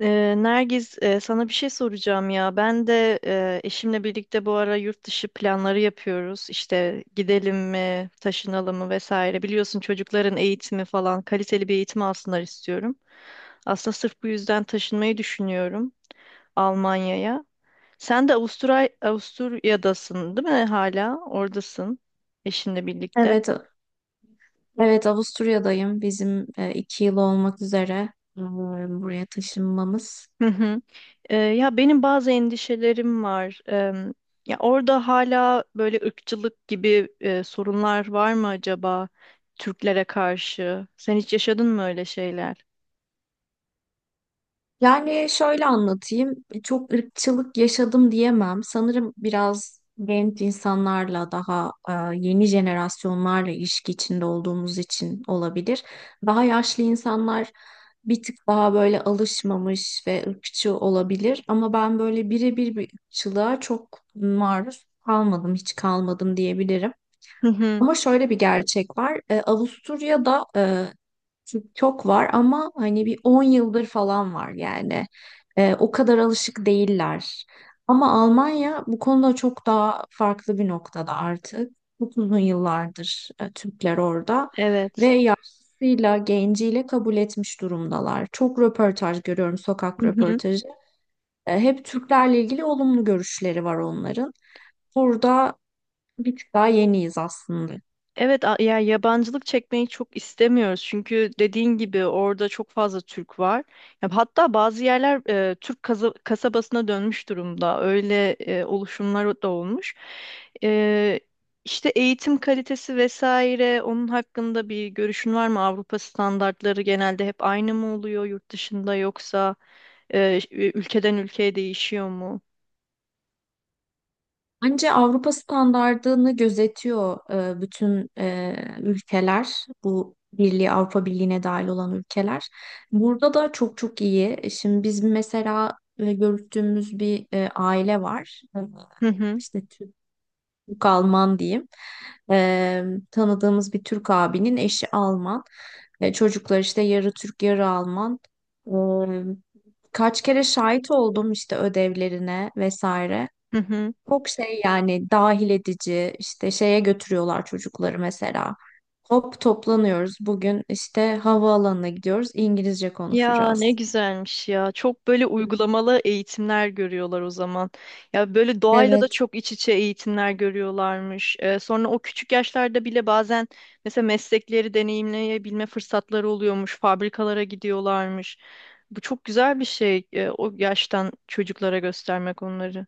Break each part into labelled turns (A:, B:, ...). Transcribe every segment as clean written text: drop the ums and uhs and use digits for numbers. A: Nergiz, sana bir şey soracağım ya. Ben de eşimle birlikte bu ara yurt dışı planları yapıyoruz. İşte gidelim mi, taşınalım mı vesaire. Biliyorsun çocukların eğitimi falan, kaliteli bir eğitim alsınlar istiyorum. Aslında sırf bu yüzden taşınmayı düşünüyorum Almanya'ya. Sen de Avusturya'dasın, değil mi hala? Oradasın eşinle birlikte.
B: Evet, evet, Avusturya'dayım. Bizim iki yıl olmak üzere e, buraya taşınmamız.
A: Hı hı. Ya benim bazı endişelerim var. Ya orada hala böyle ırkçılık gibi sorunlar var mı acaba Türklere karşı? Sen hiç yaşadın mı öyle şeyler?
B: Yani şöyle anlatayım. Çok ırkçılık yaşadım diyemem. Sanırım biraz genç insanlarla daha yeni jenerasyonlarla ilişki içinde olduğumuz için olabilir. Daha yaşlı insanlar bir tık daha böyle alışmamış ve ırkçı olabilir. Ama ben böyle birebir bir ırkçılığa çok maruz kalmadım, hiç kalmadım diyebilirim.
A: Hı hı.
B: Ama şöyle bir gerçek var. Avusturya'da TikTok var ama hani bir 10 yıldır falan var yani. O kadar alışık değiller. Ama Almanya bu konuda çok daha farklı bir noktada artık. Çok uzun yıllardır Türkler orada
A: Evet.
B: ve yaşlısıyla, genciyle kabul etmiş durumdalar. Çok röportaj görüyorum, sokak
A: Hı hı.
B: röportajı. Hep Türklerle ilgili olumlu görüşleri var onların. Burada bir tık daha yeniyiz aslında.
A: Evet, ya yabancılık çekmeyi çok istemiyoruz çünkü dediğin gibi orada çok fazla Türk var. Ya hatta bazı yerler Türk kasabasına dönmüş durumda. Öyle oluşumlar da olmuş. E, işte eğitim kalitesi vesaire onun hakkında bir görüşün var mı? Avrupa standartları genelde hep aynı mı oluyor yurt dışında yoksa ülkeden ülkeye değişiyor mu?
B: Bence Avrupa standardını gözetiyor bütün ülkeler, bu birliği Avrupa Birliği'ne dahil olan ülkeler. Burada da çok çok iyi. Şimdi biz mesela görüştüğümüz bir aile var. E,
A: Hı hı.
B: İşte Türk, Türk Alman. Diyeyim E, tanıdığımız bir Türk abinin eşi Alman. Çocuklar işte yarı Türk yarı Alman. E, Kaç kere şahit oldum işte ödevlerine vesaire.
A: Hı hı.
B: Çok şey yani, dahil edici işte şeye götürüyorlar çocukları mesela. Hop, toplanıyoruz bugün işte, havaalanına gidiyoruz, İngilizce
A: Ya ne
B: konuşacağız.
A: güzelmiş ya. Çok böyle uygulamalı eğitimler görüyorlar o zaman. Ya böyle doğayla da
B: Evet.
A: çok iç içe eğitimler görüyorlarmış. Sonra o küçük yaşlarda bile bazen mesela meslekleri deneyimleyebilme fırsatları oluyormuş. Fabrikalara gidiyorlarmış. Bu çok güzel bir şey. O yaştan çocuklara göstermek onları.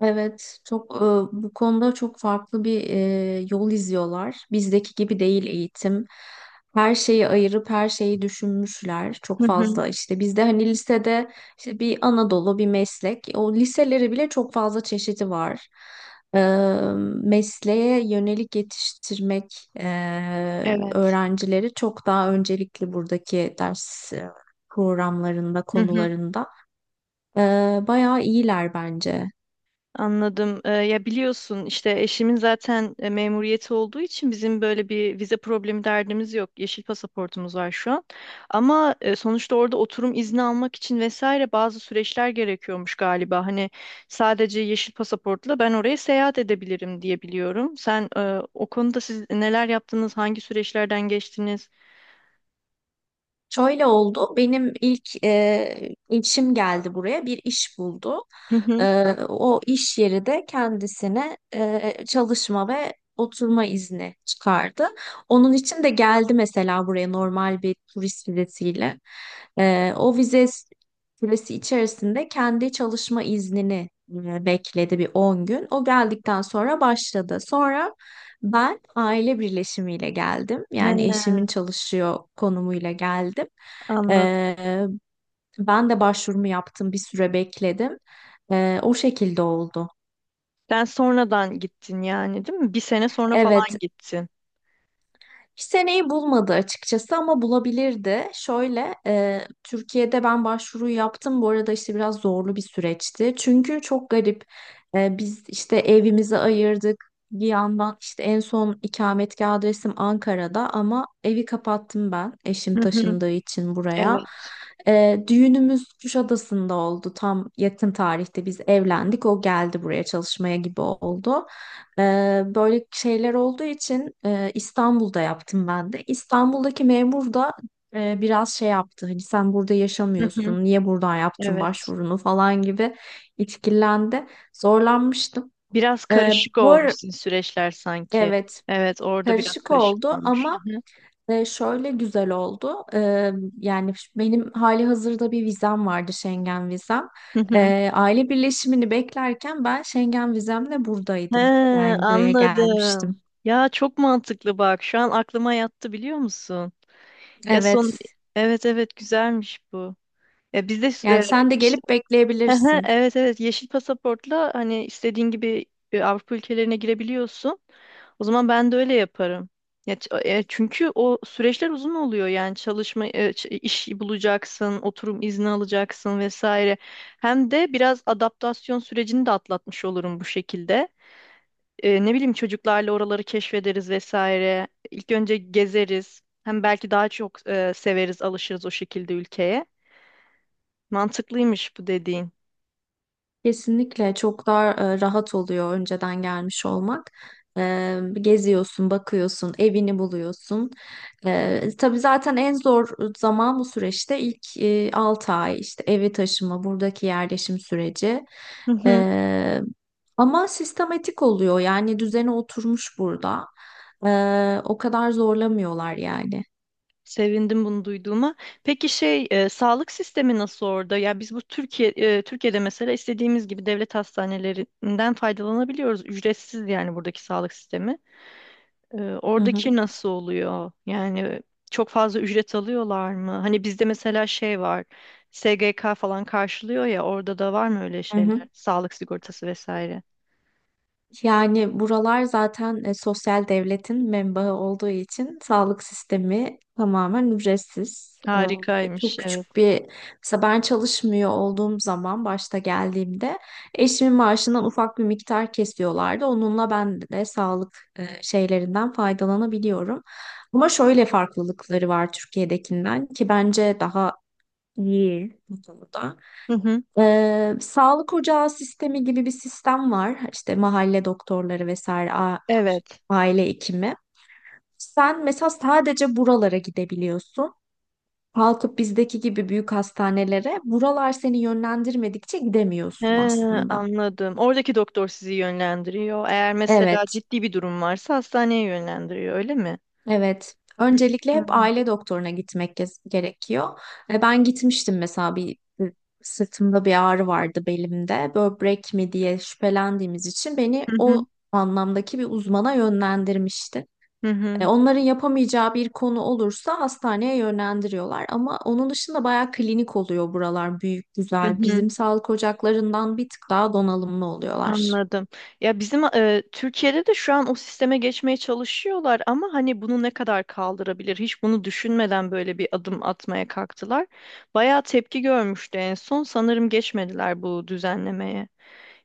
B: Evet, çok bu konuda çok farklı bir yol izliyorlar. Bizdeki gibi değil eğitim. Her şeyi ayırıp her şeyi düşünmüşler. Çok
A: Hı hı.
B: fazla işte bizde hani lisede işte bir Anadolu bir meslek. O liseleri bile çok fazla çeşidi var. E, Mesleğe yönelik yetiştirmek
A: Evet.
B: öğrencileri çok daha öncelikli buradaki ders programlarında,
A: Hı hı.
B: konularında. E, Bayağı iyiler bence.
A: Anladım. Ya biliyorsun işte eşimin zaten memuriyeti olduğu için bizim böyle bir vize problemi derdimiz yok. Yeşil pasaportumuz var şu an. Ama sonuçta orada oturum izni almak için vesaire bazı süreçler gerekiyormuş galiba. Hani sadece yeşil pasaportla ben oraya seyahat edebilirim diye biliyorum. O konuda siz neler yaptınız? Hangi süreçlerden geçtiniz?
B: Şöyle oldu. Benim ilk işim geldi buraya. Bir iş buldu.
A: Hı hı.
B: E, O iş yeri de kendisine çalışma ve oturma izni çıkardı. Onun için de geldi mesela buraya normal bir turist vizesiyle. O vize süresi içerisinde kendi çalışma iznini bekledi bir 10 gün. O geldikten sonra başladı. Sonra ben aile birleşimiyle geldim.
A: He,
B: Yani eşimin çalışıyor konumuyla geldim.
A: anladım.
B: Ee, Ben de başvurumu yaptım, bir süre bekledim. O şekilde oldu.
A: Sen sonradan gittin yani değil mi? Bir sene sonra
B: Evet,
A: falan gittin.
B: seneyi bulmadı açıkçası ama bulabilirdi. Şöyle, Türkiye'de ben başvuru yaptım. Bu arada işte biraz zorlu bir süreçti. Çünkü çok garip. Biz işte evimizi ayırdık. Bir yandan işte en son ikametgah adresim Ankara'da ama evi kapattım ben.
A: Hı
B: Eşim
A: hı,
B: taşındığı için buraya.
A: evet.
B: Düğünümüz Kuşadası'nda oldu. Tam yakın tarihte biz evlendik. O geldi buraya çalışmaya gibi oldu. Böyle şeyler olduğu için İstanbul'da yaptım ben de. İstanbul'daki memur da biraz şey yaptı. Hani sen burada
A: Hı hı,
B: yaşamıyorsun, niye buradan yaptın
A: evet.
B: başvurunu falan gibi itkilendi. Zorlanmıştım.
A: Biraz
B: Ee,
A: karışık
B: bu ara,
A: olmuşsun süreçler sanki.
B: evet,
A: Evet, orada biraz
B: karışık
A: karışık
B: oldu
A: olmuş.
B: ama
A: Hı hı.
B: şöyle güzel oldu. Yani benim hali hazırda bir vizem vardı, Schengen vizem.
A: Hı hı.
B: Aile birleşimini beklerken ben Schengen vizemle
A: He,
B: buradaydım. Yani buraya
A: anladım.
B: gelmiştim.
A: Ya çok mantıklı bak. Şu an aklıma yattı biliyor musun? Ya son
B: Evet.
A: evet evet güzelmiş bu. Ya bizde
B: Yani
A: e,
B: sen de
A: işte
B: gelip
A: Aha,
B: bekleyebilirsin.
A: evet evet yeşil pasaportla hani istediğin gibi Avrupa ülkelerine girebiliyorsun. O zaman ben de öyle yaparım. Ya, çünkü o süreçler uzun oluyor yani çalışma iş bulacaksın, oturum izni alacaksın vesaire. Hem de biraz adaptasyon sürecini de atlatmış olurum bu şekilde, ne bileyim çocuklarla oraları keşfederiz vesaire. İlk önce gezeriz. Hem belki daha çok severiz, alışırız o şekilde ülkeye. Mantıklıymış bu dediğin.
B: Kesinlikle çok daha rahat oluyor önceden gelmiş olmak. Geziyorsun, bakıyorsun, evini buluyorsun. Tabii zaten en zor zaman bu süreçte ilk 6 ay işte evi taşıma, buradaki yerleşim süreci.
A: Hı hı.
B: E, Ama sistematik oluyor yani, düzene oturmuş burada. O kadar zorlamıyorlar yani.
A: Sevindim bunu duyduğuma. Peki şey, sağlık sistemi nasıl orada? Ya biz bu Türkiye'de mesela istediğimiz gibi devlet hastanelerinden faydalanabiliyoruz. Ücretsiz yani buradaki sağlık sistemi.
B: Hı hı.
A: Oradaki nasıl oluyor? Yani çok fazla ücret alıyorlar mı? Hani bizde mesela şey var. SGK falan karşılıyor ya orada da var mı öyle
B: Hı
A: şeyler?
B: hı.
A: Sağlık sigortası vesaire.
B: Yani buralar zaten sosyal devletin menbaı olduğu için sağlık sistemi tamamen ücretsiz.
A: Harikaymış
B: Çok
A: evet.
B: küçük bir, mesela ben çalışmıyor olduğum zaman başta geldiğimde eşimin maaşından ufak bir miktar kesiyorlardı. Onunla ben de sağlık şeylerinden faydalanabiliyorum. Ama şöyle farklılıkları var Türkiye'dekinden ki bence daha iyi bu konuda.
A: Hı hı.
B: Sağlık ocağı sistemi gibi bir sistem var. İşte mahalle doktorları vesaire,
A: Evet.
B: aile hekimi. Sen mesela sadece buralara gidebiliyorsun. Kalkıp bizdeki gibi büyük hastanelere buralar seni yönlendirmedikçe
A: He,
B: gidemiyorsun aslında.
A: anladım. Oradaki doktor sizi yönlendiriyor. Eğer mesela
B: Evet.
A: ciddi bir durum varsa hastaneye yönlendiriyor öyle mi?
B: Evet. Öncelikle
A: Hı
B: hep
A: hı.
B: aile doktoruna gerekiyor. Ben gitmiştim mesela, bir sırtımda bir ağrı vardı, belimde. Böbrek mi diye şüphelendiğimiz için beni
A: Hı
B: o
A: hı.
B: anlamdaki bir uzmana yönlendirmişti.
A: Hı hı.
B: Onların yapamayacağı bir konu olursa hastaneye yönlendiriyorlar. Ama onun dışında bayağı klinik oluyor buralar. Büyük,
A: Hı
B: güzel.
A: hı.
B: Bizim sağlık ocaklarından bir tık daha donanımlı oluyorlar.
A: Anladım. Ya bizim Türkiye'de de şu an o sisteme geçmeye çalışıyorlar ama hani bunu ne kadar kaldırabilir? Hiç bunu düşünmeden böyle bir adım atmaya kalktılar. Bayağı tepki görmüştü en son. Sanırım geçmediler bu düzenlemeye.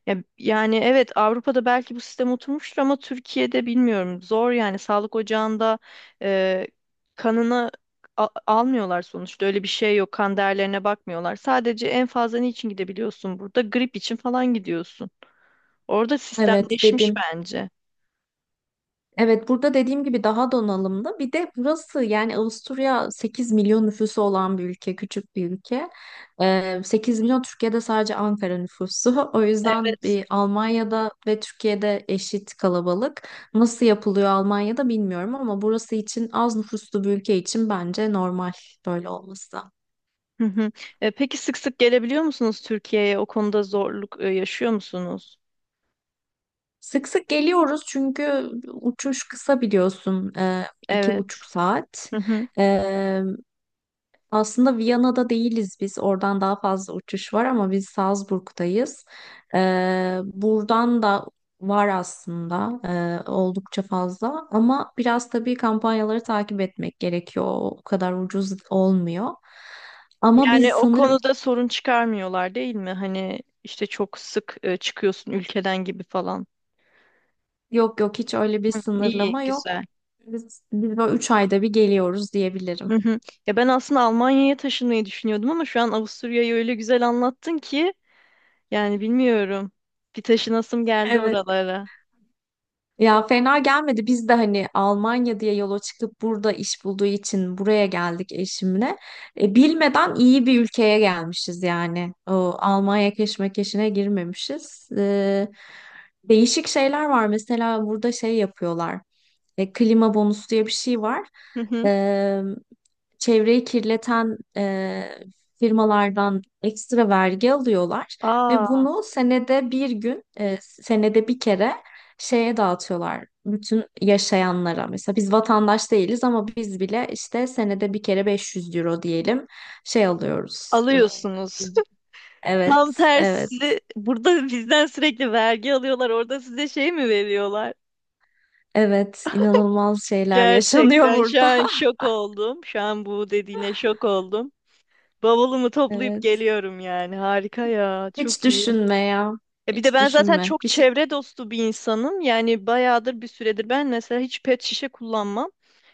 A: Ya, yani evet Avrupa'da belki bu sistem oturmuştur ama Türkiye'de bilmiyorum. Zor yani sağlık ocağında e, kanını almıyorlar sonuçta. Öyle bir şey yok. Kan değerlerine bakmıyorlar. Sadece en fazla niçin gidebiliyorsun burada? Grip için falan gidiyorsun. Orada
B: Evet,
A: sistemleşmiş
B: dedim.
A: bence.
B: Evet, burada dediğim gibi daha donanımlı. Bir de burası, yani Avusturya 8 milyon nüfusu olan bir ülke, küçük bir ülke. 8 milyon Türkiye'de sadece Ankara nüfusu. O yüzden
A: Evet.
B: bir Almanya'da ve Türkiye'de eşit kalabalık. Nasıl yapılıyor Almanya'da bilmiyorum ama burası için, az nüfuslu bir ülke için, bence normal böyle olması.
A: Hı hı. Peki sık sık gelebiliyor musunuz Türkiye'ye? O konuda zorluk yaşıyor musunuz?
B: Sık sık geliyoruz çünkü uçuş kısa, biliyorsun. İki
A: Evet.
B: buçuk saat.
A: Hı hı.
B: E, Aslında Viyana'da değiliz biz. Oradan daha fazla uçuş var ama biz Salzburg'dayız. Buradan da var aslında, oldukça fazla. Ama biraz tabii kampanyaları takip etmek gerekiyor. O kadar ucuz olmuyor. Ama biz
A: Yani o
B: sanırım,
A: konuda sorun çıkarmıyorlar değil mi? Hani işte çok sık çıkıyorsun ülkeden gibi falan.
B: yok yok, hiç öyle bir
A: Hı, iyi,
B: sınırlama yok.
A: güzel.
B: Biz böyle 3 ayda bir geliyoruz diyebilirim.
A: Hı hı. Ya ben aslında Almanya'ya taşınmayı düşünüyordum ama şu an Avusturya'yı öyle güzel anlattın ki yani bilmiyorum. Bir taşınasım geldi
B: Evet.
A: oralara.
B: Ya, fena gelmedi. Biz de hani Almanya diye yola çıkıp burada iş bulduğu için buraya geldik eşimle. Bilmeden iyi bir ülkeye gelmişiz yani. O Almanya keşmekeşine girmemişiz. Değişik şeyler var. Mesela burada şey yapıyorlar. Klima bonusu diye bir şey var.
A: Hı hı.
B: E, Çevreyi kirleten firmalardan ekstra vergi alıyorlar ve
A: Aa,
B: bunu senede bir gün, senede bir kere şeye dağıtıyorlar. Bütün yaşayanlara, mesela biz vatandaş değiliz ama biz bile işte senede bir kere 500 € diyelim şey alıyoruz.
A: alıyorsunuz. Tam
B: Evet, evet,
A: tersi. Burada bizden sürekli vergi alıyorlar. Orada size şey mi veriyorlar?
B: evet, inanılmaz şeyler yaşanıyor
A: Gerçekten şu
B: burada.
A: an şok oldum. Şu an bu dediğine şok oldum. Bavulumu toplayıp
B: Evet.
A: geliyorum yani. Harika ya.
B: Hiç
A: Çok iyi.
B: düşünme ya.
A: E bir de
B: Hiç
A: ben zaten
B: düşünme.
A: çok
B: Bir şey
A: çevre dostu bir insanım. Yani bayağıdır bir süredir ben mesela hiç pet şişe kullanmam.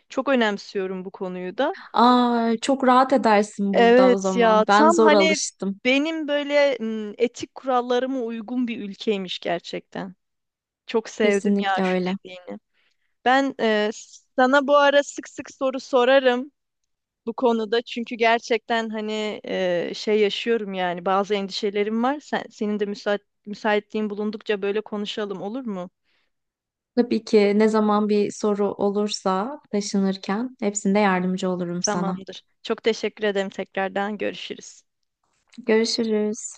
A: Çok önemsiyorum bu konuyu da.
B: Aa, çok rahat edersin burada o
A: Evet ya
B: zaman. Ben
A: tam
B: zor
A: hani
B: alıştım.
A: benim böyle etik kurallarıma uygun bir ülkeymiş gerçekten. Çok sevdim ya
B: Kesinlikle
A: şu
B: öyle.
A: dediğini. Ben e, Sana bu ara sık sık soru sorarım bu konuda. Çünkü gerçekten hani şey yaşıyorum yani bazı endişelerim var. Senin de müsaitliğin bulundukça böyle konuşalım olur mu?
B: Tabii ki, ne zaman bir soru olursa taşınırken hepsinde yardımcı olurum sana.
A: Tamamdır. Çok teşekkür ederim tekrardan. Görüşürüz.
B: Görüşürüz.